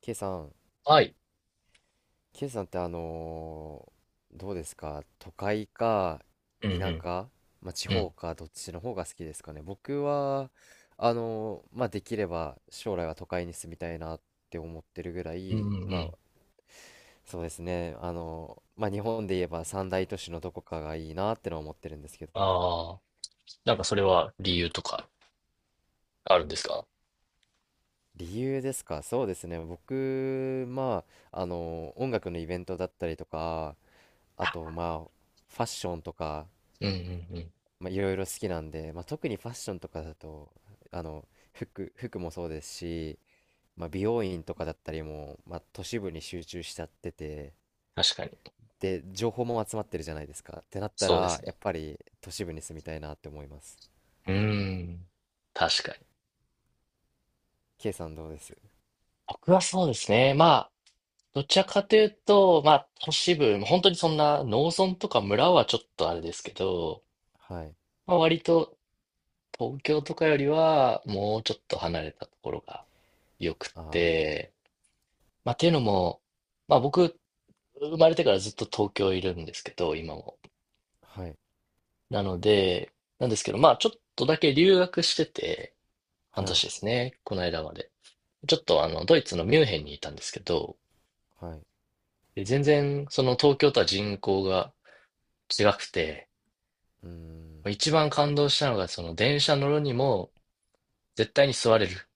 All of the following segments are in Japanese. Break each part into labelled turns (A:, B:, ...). A: K さん、
B: はい。
A: K さんってどうですか？都会か
B: う
A: 田
B: ん
A: 舎、まあ、地
B: うん。う
A: 方
B: ん。
A: かどっちの方が好きですかね。僕は、まあ、できれば将来は都会に住みたいなって思ってるぐら
B: うんうん
A: い、
B: う
A: ま
B: ん。
A: あ、そうですね、まあ、日本で言えば三大都市のどこかがいいなってのは思ってるんですけど、
B: ああ。なんかそれは理由とかあるんですか？
A: 理由ですか？そうですね、僕、まあ、音楽のイベントだったりとか、あと、まあ、ファッションとか、
B: うんうんうん。
A: まあ、いろいろ好きなんで、まあ、特にファッションとかだと、あの、服もそうですし、まあ、美容院とかだったりも、まあ、都市部に集中しちゃってて、
B: 確かに。
A: で、情報も集まってるじゃないですか。ってなった
B: そうで
A: ら、
B: す
A: や
B: ね。
A: っぱり都市部に住みたいなって思います。
B: うーん。確かに。
A: K さんどうです？
B: 僕はそうですね。まあ、どちらかというと、まあ、都市部、本当にそんな農村とか村はちょっとあれですけど、
A: はい。
B: まあ、割と東京とかよりはもうちょっと離れたところが良く
A: あ
B: て、まあ、っていうのも、まあ僕、生まれてからずっと東京いるんですけど、今も。
A: あ、はい、
B: なので、なんですけど、まあ、ちょっとだけ留学してて、半
A: は
B: 年
A: い、
B: ですね、この間まで。ちょっとあの、ドイツのミュンヘンにいたんですけど、
A: はい。
B: で全然、その東京とは人口が違くて、
A: うーん、
B: 一番感動したのが、その電車乗るにも、絶対に座れる。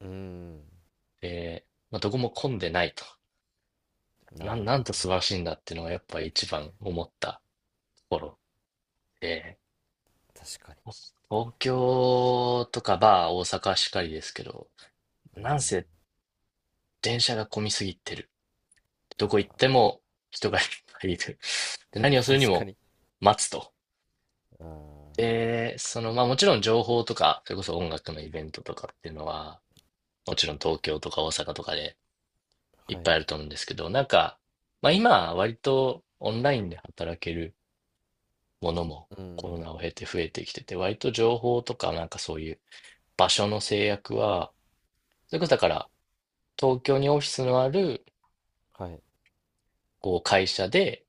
A: うーん、
B: で、まあ、どこも混んでないと。
A: あ
B: なん、
A: あ、
B: なんと素晴らしいんだっていうのが、やっぱ一番思ったところで、
A: 確かに。
B: 東京とか、大阪しかりですけど、
A: う
B: なん
A: ん、
B: せ電車が混みすぎてる。ど
A: あ
B: こ行って
A: あ、
B: も人がいっぱいいる。で、何をするに
A: 確か
B: も
A: に。
B: 待つと。
A: ああ、
B: で、その、まあもちろん情報とか、それこそ音楽のイベントとかっていうのは、もちろん東京とか大阪とかでい
A: は
B: っ
A: い、
B: ぱ
A: う
B: いあると思うんですけど、なんか、まあ今、割とオンラインで働けるものもコロ
A: ん、
B: ナを経て増えてきてて、割と情報とかなんかそういう場所の制約は、それこそだから東京にオフィスのある
A: はい、
B: こう会社で、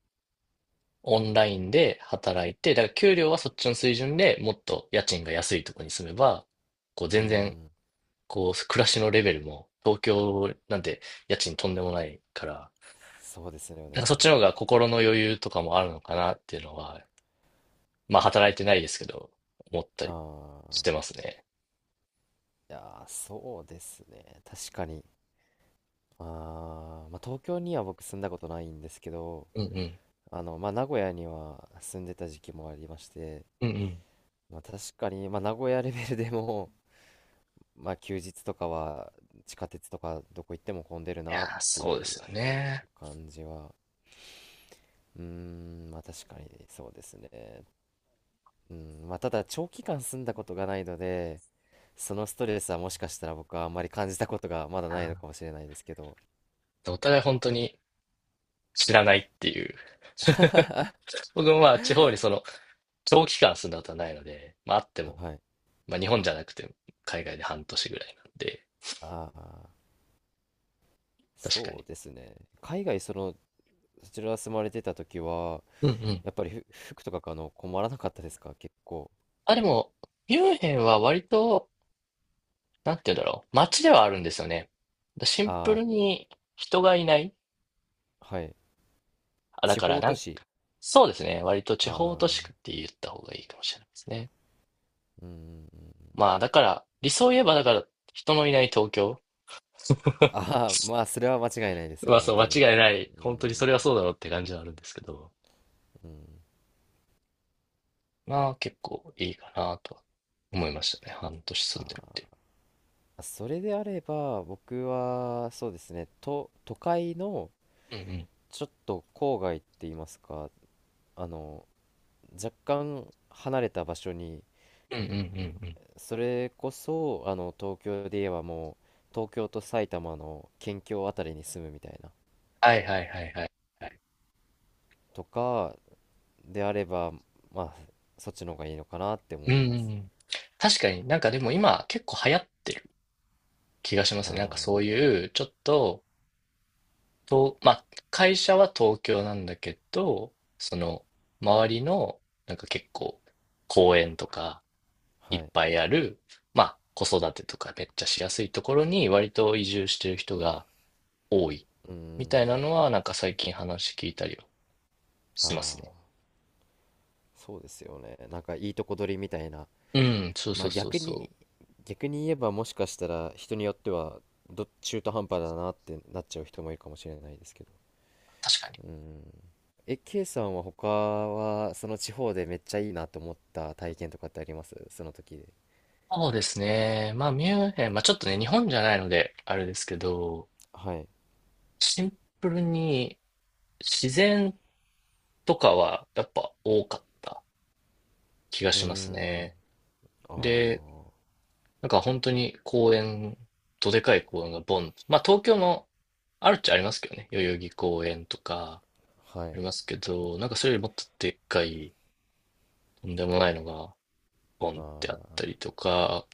B: オンラインで働いて、だから給料はそっちの水準でもっと家賃が安いとこに住めば、こう
A: う
B: 全然、
A: ん。
B: こう暮らしのレベルも東京なんて家賃とんでもないから、
A: そうですよ
B: なんか
A: ね。
B: そっちの方が心の余裕とかもあるのかなっていうのは、まあ働いてないですけど、思った
A: あ
B: りし
A: あ、
B: てますね。
A: いやー、そうですね。確かに。あーまあ、東京には僕住んだことないんですけど、
B: うんうん。
A: まあ、名古屋には住んでた時期もありまして、
B: うんうん。
A: まあ、確かに、まあ、名古屋レベルでも、まあ、休日とかは地下鉄とかどこ行っても混んでる
B: い
A: な
B: や
A: っ
B: ー、
A: てい
B: そうで
A: う
B: すよね。
A: 感じは、うーん、まあ、確かにそうですね。うん、まあ、ただ長期間住んだことがないので、そのストレスはもしかしたら僕はあんまり感じたことがまだ
B: う
A: ないの
B: ん。
A: かもしれないですけど。
B: お互い本当に知らないっていう。僕もまあ地方にその長期間住んだことはないので、まああっても、
A: はい。
B: まあ日本じゃなくて海外で半年ぐらいなんで、
A: ああ、
B: 確か
A: そ
B: に。
A: うですね。海外、その、そちら住まれてた時は、
B: うんうん。
A: やっぱり服とか買うの困らなかったですか？結構。
B: あ、でも、ミュンヘンは割と、なんて言うんだろう、街ではあるんですよね。シンプ
A: あ
B: ルに人がいない。
A: あ、はい。
B: あ、だ
A: 地
B: から
A: 方
B: な
A: 都
B: んか、
A: 市。
B: そうですね。割と
A: あ
B: 地方都市
A: あ、
B: 区って言った方がいいかもしれないですね。
A: うんうんうん。
B: まあだから、理想を言えばだから人のいない東京。
A: ああ、ま あ、それは間違いないです
B: ま
A: ね、
B: あ
A: 本
B: そう、間
A: 当に。
B: 違いない。
A: う
B: 本当にそれ
A: ん、
B: はそうだろうって感じはあるんですけど。
A: うん。
B: まあ結構いいかなとは思いましたね。半年住んでるってい
A: ああ、それであれば、僕は、そうですね、都会の、
B: う。うんう
A: ちょっと郊外って言いますか、あの、若干離れた場所に、
B: ん。うんうんうんうん。
A: それこそ、東京で言えばもう、東京と埼玉の県境あたりに住むみたいな、
B: はいはいはいはいはい。
A: とかであれば、まあ、そっちの方がいいのかなって
B: うん
A: 思い
B: うんう
A: ます。
B: ん。確かになんかでも今結構流行ってる気がしますね。なんかそう
A: あ
B: いうちょっと、まあ、会社は東京なんだけど、その周りのなんか結構公園とか
A: あ、
B: いっ
A: はい。
B: ぱいある、まあ子育てとかめっちゃしやすいところに割と移住してる人が多い
A: うー
B: みたい
A: ん、
B: なのはなんか最近話聞いたりは
A: あ
B: しますね。
A: あ、そうですよね。なんかいいとこ取りみたいな。
B: うん、そう
A: ま
B: そ
A: あ
B: うそう
A: 逆に、
B: そう。
A: 逆に言えばもしかしたら人によっては、中途半端だなってなっちゃう人もいるかもしれないですけど。
B: 確かに。
A: うん。え、K さんは他は、その地方でめっちゃいいなと思った体験とかってあります？その時で。
B: そうですね。まあ、ミュンヘン、まあちょっとね、日本じゃないので、あれですけど、
A: はい。
B: シンプルに自然とかはやっぱ多かった気が
A: うー
B: します
A: ん。
B: ね。
A: あ
B: で、
A: あ。
B: なんか本当に公園、どでかい公園がボン。まあ東京もあるっちゃありますけどね。代々木公園とか
A: は
B: あ
A: い。
B: りますけど、なんかそれよりもっとでっかい、とんでもないのがボンっ
A: あ
B: てあったり
A: あ。
B: とか、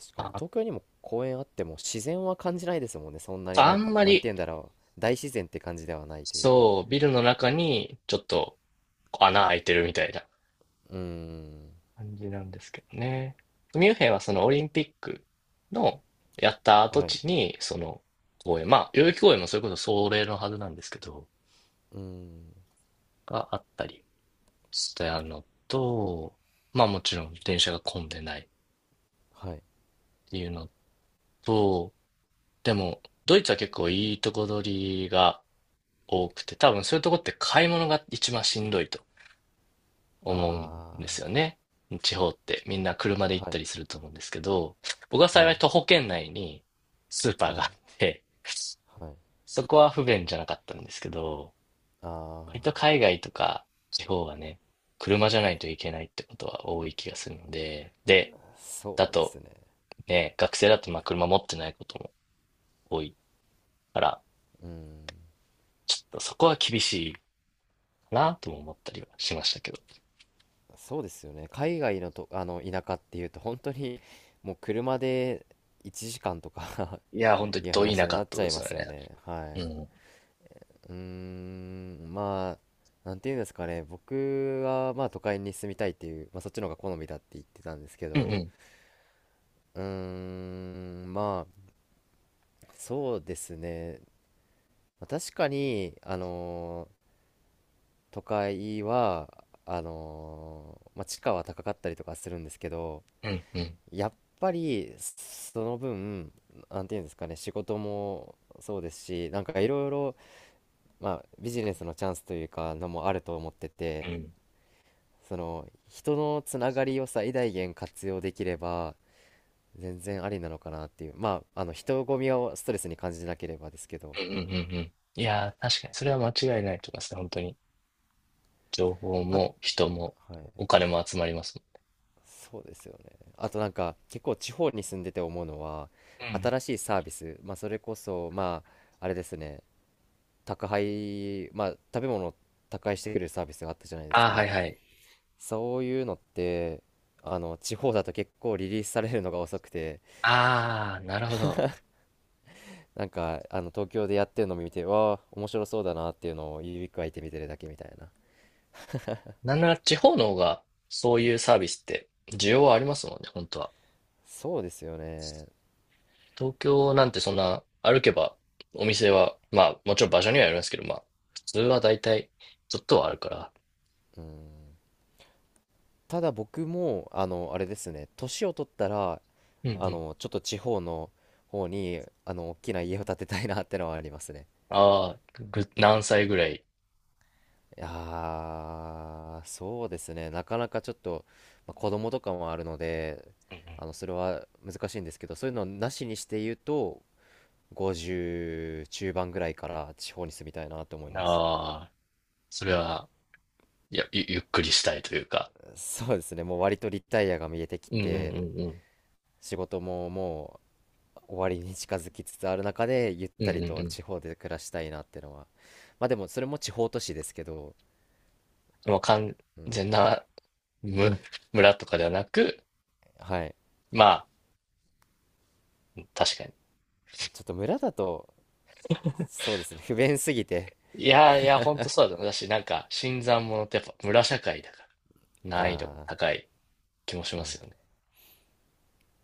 A: 確かに。
B: あ、
A: 東京にも公園あっても自然は感じないですもんね。そんなに
B: あ
A: なんか、
B: んま
A: なんて
B: り、
A: 言うんだろう。大自然って感じではないというか。
B: そう、ビルの中にちょっと穴開いてるみたいな
A: うーん。
B: 感じなんですけどね。ミュンヘンはそのオリンピックのやった跡
A: はい。
B: 地に、その公園、まあ、代々木公園もそれこそそれのはずなんですけど、
A: うーん。
B: があったりしてあるのと、まあもちろん電車が混んでないっ
A: はい。
B: ていうのと、でも、ドイツは結構いいとこ取りが多くて、多分そういうとこって買い物が一番しんどいと思うんです
A: あ
B: よね。地方ってみんな車で行
A: あ。
B: っ
A: は
B: た
A: い。
B: りすると思うんですけど、僕は
A: は
B: 幸い
A: い。
B: 徒歩圏内にスーパー
A: は
B: が
A: い。
B: あって、
A: はい。
B: そこは不便じゃなかったんですけど、割と
A: あ
B: 海外とか地方はね、車じゃないといけないってことは多い気がするので、で、
A: あ。
B: だ
A: そうです
B: と
A: ね。
B: ね、学生だとまあ車持ってないことも多いから、
A: うーん。
B: ちょっとそこは厳しいかなとも思ったりはしましたけど。
A: そうですよね。海外のと、あの田舎っていうと本当にもう車で1時間とか
B: いや、本当 に
A: いう
B: 遠いな
A: 話に
B: か
A: な
B: っ
A: っ
B: た
A: ちゃ
B: で
A: い
B: す
A: ま
B: よ
A: すよ
B: ね。
A: ね。はい。
B: うん。
A: うーん、まあ、なんていうんですかね。僕はまあ都会に住みたいっていう、まあそっちの方が好みだって言ってたんですけ
B: うんう
A: ど、
B: ん。
A: うーん、まあ、そうですね。まあ確かに、都会は、まあ地価は高かったりとかするんですけど、
B: うんうん。
A: やっぱりその分、なんていうんですかね、仕事もそうですし、なんかいろいろ、まあビジネスのチャンスというかのもあると思って
B: う
A: て、
B: ん。
A: その人のつながりを最大限活用できれば全然ありなのかなっていう、まああの人混みをストレスに感じなければですけど。
B: うんうんうんうん。いやー、確かにそれは間違いないと思いますね、本当に。情報
A: あ、
B: も人も
A: はい、
B: お金も集まります
A: そうですよね。あと、なんか結構地方に住んでて思うのは、
B: もん。うん。
A: 新しいサービス、まあそれこそ、まあ、あれですね、宅配、まあ、食べ物を宅配してくれるサービスがあったじゃないで
B: あ
A: す
B: あ、は
A: か。
B: いはい。
A: そういうのって、地方だと結構リリースされるのが遅くて、
B: ああ、なるほど。
A: なんか、東京でやってるのを見て、わあ、面白そうだなっていうのを指くわえて見てるだけみたいな。
B: なんなら地方の方がそういうサービスって需要はありますもんね、本当は。
A: そうですよね。
B: 東京なんてそんな歩けばお店は、まあ、もちろん場所にはよりますけど、まあ、普通はだいたいちょっとはあるから。
A: うん。ただ僕も、あれですね、年を取ったら、
B: うんうん。
A: ちょっと地方の方に、大きな家を建てたいなってのはありますね。
B: ああ、何歳ぐらい？
A: いやーそうですね。なかなかちょっと、まあ、子供とかもあるので、
B: うん
A: それは難しいんですけど、そういうのなしにして言うと、50中盤ぐらいから地方に住みたいなと思
B: う
A: い
B: ん。あ
A: ます。
B: あ、それは、いや、ゆっくりしたいというか。
A: そうですね。もう割とリタイアが見えてき
B: うんうんう
A: て、
B: んうん。
A: 仕事ももう終わりに近づきつつある中で、ゆっ
B: うん
A: た
B: うん
A: りと
B: う
A: 地方で暮らしたいなってのは。まあでも、それも地方都市ですけど、
B: ん。もう完
A: うん、
B: 全なむ村とかではなく、
A: はい。
B: まあ、確かに。
A: ちょっと村だと、そうですね。不便すぎて、
B: いやいや、ほんとそうだと思う。だし、なんか、新参者ってやっぱ村社会だから、難易度が
A: ああ。
B: 高い気もし
A: は
B: ますよね。
A: い。